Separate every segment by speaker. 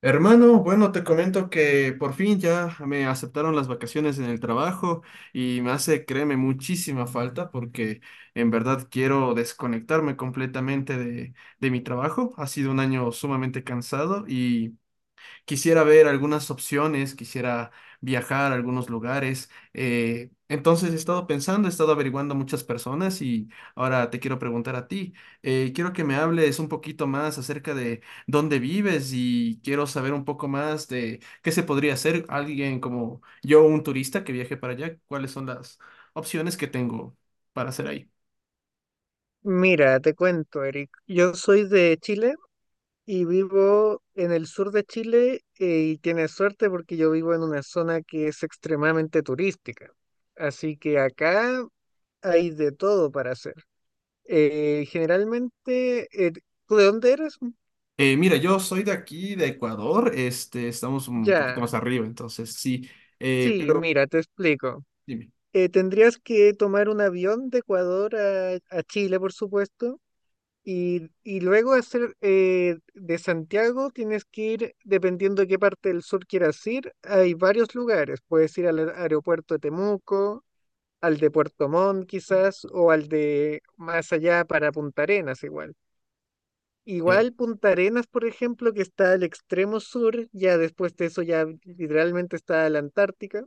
Speaker 1: Hermano, bueno, te comento que por fin ya me aceptaron las vacaciones en el trabajo y me hace, créeme, muchísima falta porque en verdad quiero desconectarme completamente de mi trabajo. Ha sido un año sumamente cansado y quisiera ver algunas opciones, quisiera viajar a algunos lugares. Entonces he estado pensando, he estado averiguando a muchas personas y ahora te quiero preguntar a ti. Quiero que me hables un poquito más acerca de dónde vives y quiero saber un poco más de qué se podría hacer alguien como yo, un turista que viaje para allá, cuáles son las opciones que tengo para hacer ahí.
Speaker 2: Mira, te cuento, Eric. Yo soy de Chile y vivo en el sur de Chile, y tienes suerte porque yo vivo en una zona que es extremadamente turística. Así que acá hay de todo para hacer. Generalmente, ¿tú de dónde eres?
Speaker 1: Mira, yo soy de aquí, de Ecuador, este, estamos un poquito
Speaker 2: Ya.
Speaker 1: más arriba, entonces sí,
Speaker 2: Sí,
Speaker 1: pero
Speaker 2: mira, te explico.
Speaker 1: dime.
Speaker 2: Tendrías que tomar un avión de Ecuador a Chile, por supuesto. Y luego de Santiago tienes que ir, dependiendo de qué parte del sur quieras ir, hay varios lugares. Puedes ir al aeropuerto de Temuco, al de Puerto Montt quizás, o al de más allá para Punta Arenas igual.
Speaker 1: Eh,
Speaker 2: Igual Punta Arenas, por ejemplo, que está al extremo sur, ya después de eso ya literalmente está la Antártica.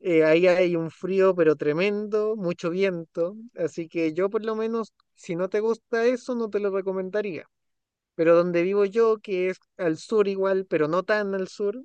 Speaker 2: Ahí hay un frío pero tremendo, mucho viento, así que yo por lo menos, si no te gusta eso, no te lo recomendaría. Pero donde vivo yo, que es al sur igual, pero no tan al sur,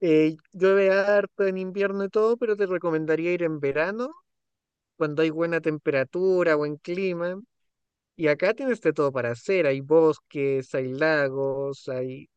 Speaker 2: llueve harto en invierno y todo, pero te recomendaría ir en verano, cuando hay buena temperatura, buen clima. Y acá tienes de todo para hacer, hay bosques, hay lagos, hay,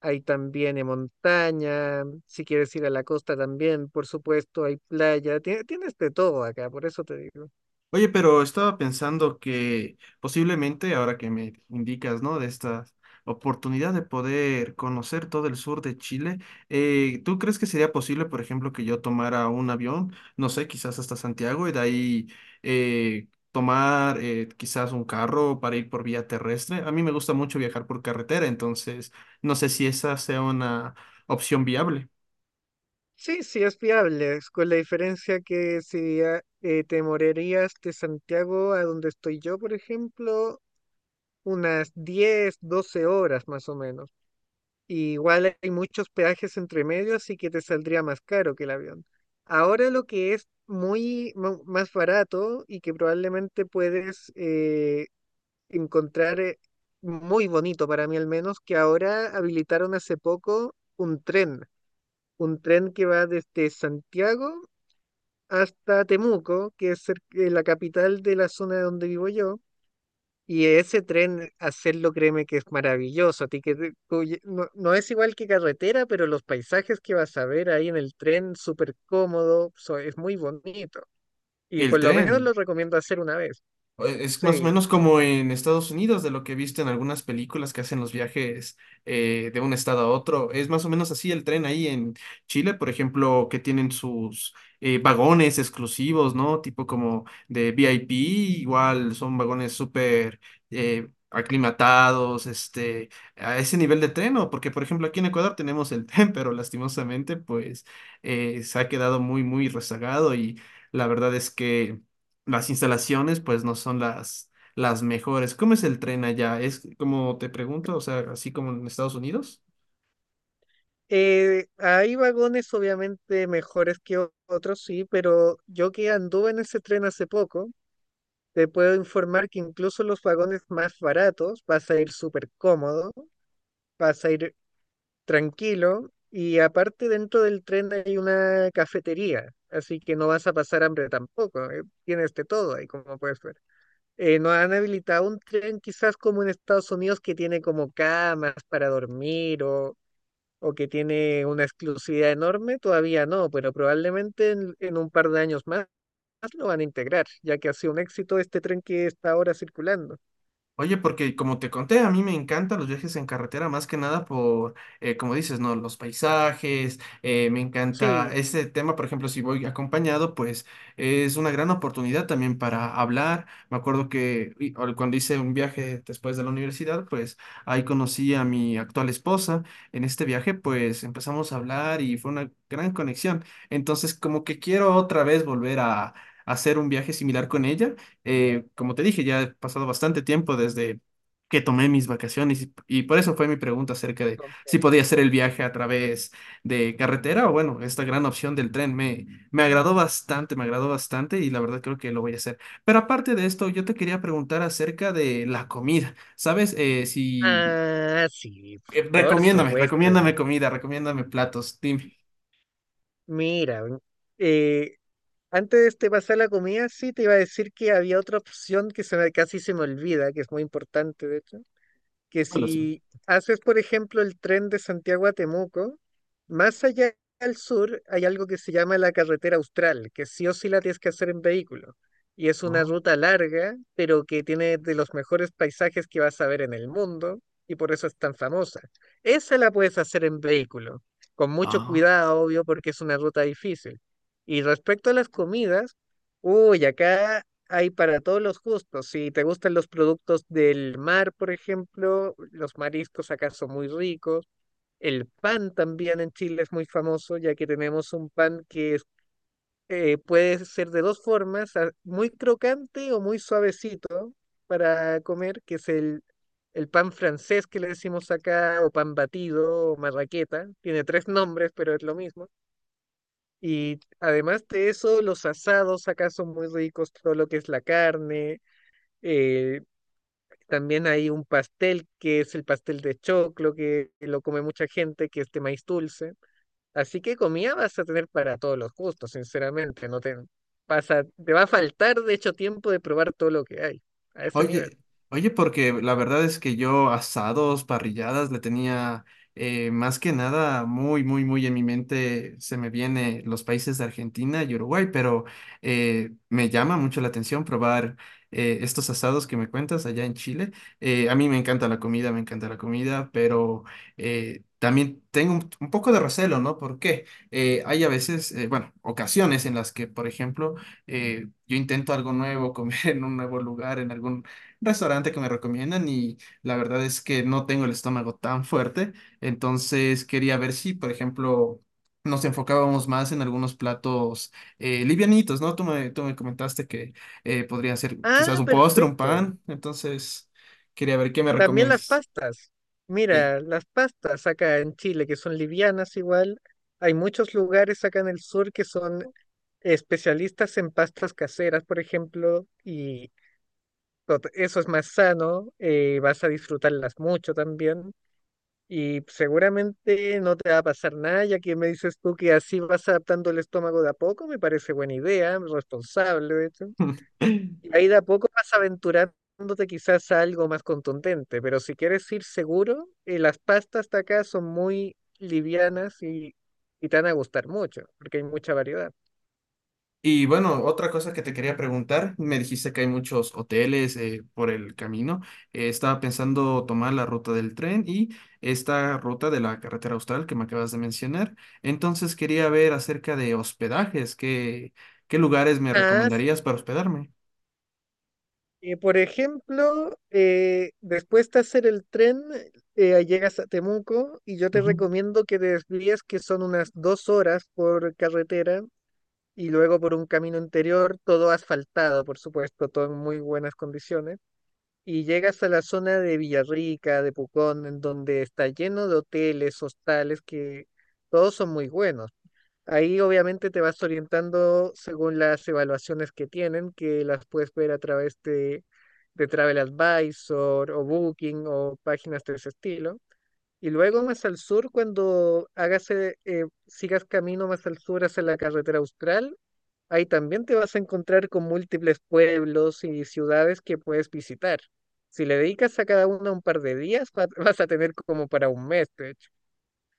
Speaker 2: hay también montaña, si quieres ir a la costa también, por supuesto, hay playa, tienes de todo acá, por eso te digo.
Speaker 1: Oye, pero estaba pensando que posiblemente, ahora que me indicas, ¿no? De esta oportunidad de poder conocer todo el sur de Chile, ¿tú crees que sería posible, por ejemplo, que yo tomara un avión, no sé, quizás hasta Santiago y de ahí tomar quizás un carro para ir por vía terrestre? A mí me gusta mucho viajar por carretera, entonces no sé si esa sea una opción viable.
Speaker 2: Sí, sí, es viable, es con la diferencia que si te morerías de Santiago a donde estoy yo, por ejemplo, unas 10, 12 horas más o menos. Y igual hay muchos peajes entre medio, así que te saldría más caro que el avión. Ahora lo que es muy más barato y que probablemente puedes encontrar muy bonito para mí al menos, que ahora habilitaron hace poco un tren que va desde Santiago hasta Temuco, que es la capital de la zona donde vivo yo. Y ese tren, hacerlo, créeme que es maravilloso. A ti que no, no es igual que carretera, pero los paisajes que vas a ver ahí en el tren, súper cómodo, es muy bonito. Y
Speaker 1: El
Speaker 2: por lo menos
Speaker 1: tren.
Speaker 2: lo recomiendo hacer una vez.
Speaker 1: Es más o
Speaker 2: Sí.
Speaker 1: menos como en Estados Unidos, de lo que he visto en algunas películas que hacen los viajes de un estado a otro. Es más o menos así el tren ahí en Chile, por ejemplo, que tienen sus vagones exclusivos, ¿no? Tipo como de VIP, igual son vagones súper aclimatados, este, a ese nivel de tren, ¿no? Porque, por ejemplo, aquí en Ecuador tenemos el tren, pero lastimosamente, pues, se ha quedado muy, muy rezagado y la verdad es que las instalaciones pues no son las mejores. ¿Cómo es el tren allá? ¿Es como te pregunto, o sea, así como en Estados Unidos?
Speaker 2: Hay vagones obviamente mejores que otros, sí, pero yo que anduve en ese tren hace poco, te puedo informar que incluso los vagones más baratos vas a ir súper cómodo vas a ir tranquilo y aparte dentro del tren hay una cafetería, así que no vas a pasar hambre tampoco. Tienes de todo ahí como puedes ver. No han habilitado un tren quizás como en Estados Unidos que tiene como camas para dormir o que tiene una exclusividad enorme, todavía no, pero probablemente en un par de años más lo van a integrar, ya que ha sido un éxito este tren que está ahora circulando.
Speaker 1: Oye, porque como te conté, a mí me encantan los viajes en carretera, más que nada por, como dices, ¿no? Los paisajes, me encanta
Speaker 2: Sí,
Speaker 1: este tema, por ejemplo, si voy acompañado, pues es una gran oportunidad también para hablar. Me acuerdo que o cuando hice un viaje después de la universidad, pues ahí conocí a mi actual esposa. En este viaje, pues empezamos a hablar y fue una gran conexión. Entonces, como que quiero otra vez volver a hacer un viaje similar con ella, como te dije, ya ha pasado bastante tiempo desde que tomé mis vacaciones y por eso fue mi pregunta acerca de si
Speaker 2: comprendo.
Speaker 1: podía hacer el viaje a través de carretera o bueno, esta gran opción del tren me, me agradó bastante y la verdad creo que lo voy a hacer. Pero aparte de esto, yo te quería preguntar acerca de la comida. ¿Sabes? Si...
Speaker 2: Ah, sí, por
Speaker 1: recomiéndame,
Speaker 2: supuesto.
Speaker 1: recomiéndame comida, recomiéndame platos, dime.
Speaker 2: Mira, eh, antes de este pasar a la comida, sí te iba a decir que había otra opción que casi se me olvida, que es muy importante, de hecho que
Speaker 1: ¿Cuál opción?
Speaker 2: si haces, por ejemplo, el tren de Santiago a Temuco, más allá al sur hay algo que se llama la carretera austral, que sí o sí la tienes que hacer en vehículo. Y es una
Speaker 1: Oh,
Speaker 2: ruta larga, pero que tiene de los mejores paisajes que vas a ver en el mundo, y por eso es tan famosa. Esa la puedes hacer en vehículo, con mucho
Speaker 1: ah.
Speaker 2: cuidado, obvio, porque es una ruta difícil. Y respecto a las comidas, uy, acá hay para todos los gustos. Si te gustan los productos del mar, por ejemplo, los mariscos acá son muy ricos. El pan también en Chile es muy famoso, ya que tenemos un pan que es, puede ser de dos formas, muy crocante o muy suavecito para comer, que es el pan francés que le decimos acá, o pan batido, o marraqueta. Tiene tres nombres, pero es lo mismo. Y además de eso, los asados acá son muy ricos, todo lo que es la carne eh, también hay un pastel que es el pastel de choclo, que lo come mucha gente, que es de maíz dulce. Así que comida vas a tener para todos los gustos, sinceramente. No te te va a faltar, de hecho, tiempo de probar todo lo que hay a ese nivel.
Speaker 1: Oye, oye, porque la verdad es que yo asados, parrilladas, le tenía más que nada muy, muy, muy en mi mente, se me viene los países de Argentina y Uruguay, pero me llama mucho la atención probar estos asados que me cuentas allá en Chile. A mí me encanta la comida, me encanta la comida, pero también tengo un poco de recelo, ¿no? Porque hay a veces, bueno, ocasiones en las que, por ejemplo, yo intento algo nuevo, comer en un nuevo lugar, en algún restaurante que me recomiendan y la verdad es que no tengo el estómago tan fuerte, entonces quería ver si, por ejemplo, nos enfocábamos más en algunos platos livianitos, ¿no? Tú me comentaste que podría ser quizás
Speaker 2: Ah,
Speaker 1: un postre, un
Speaker 2: perfecto.
Speaker 1: pan, entonces quería ver qué me
Speaker 2: También las
Speaker 1: recomiendas.
Speaker 2: pastas.
Speaker 1: Eh.
Speaker 2: Mira, las pastas acá en Chile, que son livianas igual. Hay muchos lugares acá en el sur que son especialistas en pastas caseras, por ejemplo, y eso es más sano, vas a disfrutarlas mucho también y seguramente no te va a pasar nada, ya que me dices tú que así vas adaptando el estómago de a poco, me parece buena idea, responsable de hecho. Y ahí de a poco vas aventurándote quizás a algo más contundente, pero si quieres ir seguro, las pastas de acá son muy livianas y te van a gustar mucho, porque hay mucha variedad.
Speaker 1: Y bueno, otra cosa que te quería preguntar, me dijiste que hay muchos hoteles por el camino. Estaba pensando tomar la ruta del tren y esta ruta de la carretera austral que me acabas de mencionar. Entonces quería ver acerca de hospedajes, ¿qué qué lugares me
Speaker 2: Ah.
Speaker 1: recomendarías para hospedarme?
Speaker 2: Por ejemplo, después de hacer el tren, llegas a Temuco y yo te recomiendo que te desvíes, que son unas 2 horas por carretera y luego por un camino interior, todo asfaltado, por supuesto, todo en muy buenas condiciones. Y llegas a la zona de Villarrica, de Pucón, en donde está lleno de hoteles, hostales, que todos son muy buenos. Ahí obviamente te vas orientando según las evaluaciones que tienen, que las puedes ver a través de Travel Advisor o Booking o páginas de ese estilo. Y luego más al sur, cuando sigas camino más al sur hacia la carretera austral, ahí también te vas a encontrar con múltiples pueblos y ciudades que puedes visitar. Si le dedicas a cada una un par de días, vas a tener como para un mes, de hecho.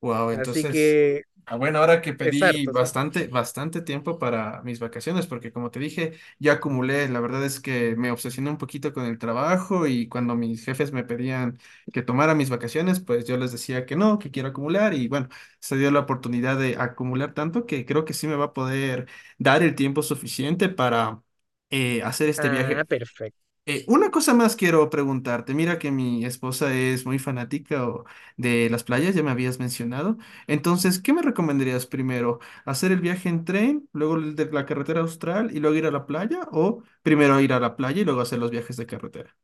Speaker 1: Wow,
Speaker 2: Así
Speaker 1: entonces,
Speaker 2: que
Speaker 1: ah, bueno, ahora que
Speaker 2: es
Speaker 1: pedí
Speaker 2: harto, sí.
Speaker 1: bastante, bastante tiempo para mis vacaciones, porque como te dije, ya acumulé, la verdad es que me obsesioné un poquito con el trabajo y cuando mis jefes me pedían que tomara mis vacaciones, pues yo les decía que no, que quiero acumular y bueno, se dio la oportunidad de acumular tanto que creo que sí me va a poder dar el tiempo suficiente para hacer este
Speaker 2: Ah,
Speaker 1: viaje.
Speaker 2: perfecto.
Speaker 1: Una cosa más quiero preguntarte. Mira que mi esposa es muy fanática de las playas, ya me habías mencionado. Entonces, ¿qué me recomendarías primero? ¿Hacer el viaje en tren, luego el de la carretera austral y luego ir a la playa? ¿O primero ir a la playa y luego hacer los viajes de carretera?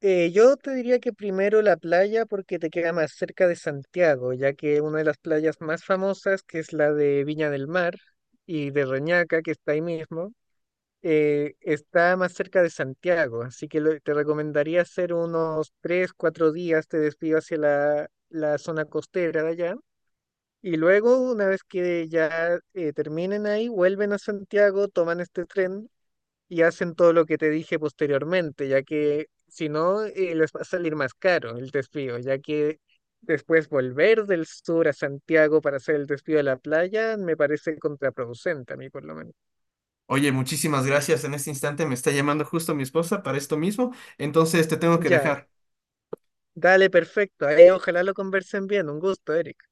Speaker 2: Yo te diría que primero la playa porque te queda más cerca de Santiago, ya que una de las playas más famosas, que es la de Viña del Mar y de Reñaca, que está ahí mismo, está más cerca de Santiago, así que te recomendaría hacer unos 3, 4 días, te desvío hacia la zona costera de allá. Y luego, una vez que ya terminen ahí, vuelven a Santiago, toman este tren y hacen todo lo que te dije posteriormente, ya que si no, les va a salir más caro el desvío, ya que después volver del sur a Santiago para hacer el desvío a la playa me parece contraproducente a mí por lo menos.
Speaker 1: Oye, muchísimas gracias. En este instante me está llamando justo mi esposa para esto mismo. Entonces, te tengo que
Speaker 2: Ya,
Speaker 1: dejar.
Speaker 2: dale, perfecto. Ahí ojalá lo conversen bien. Un gusto, Eric.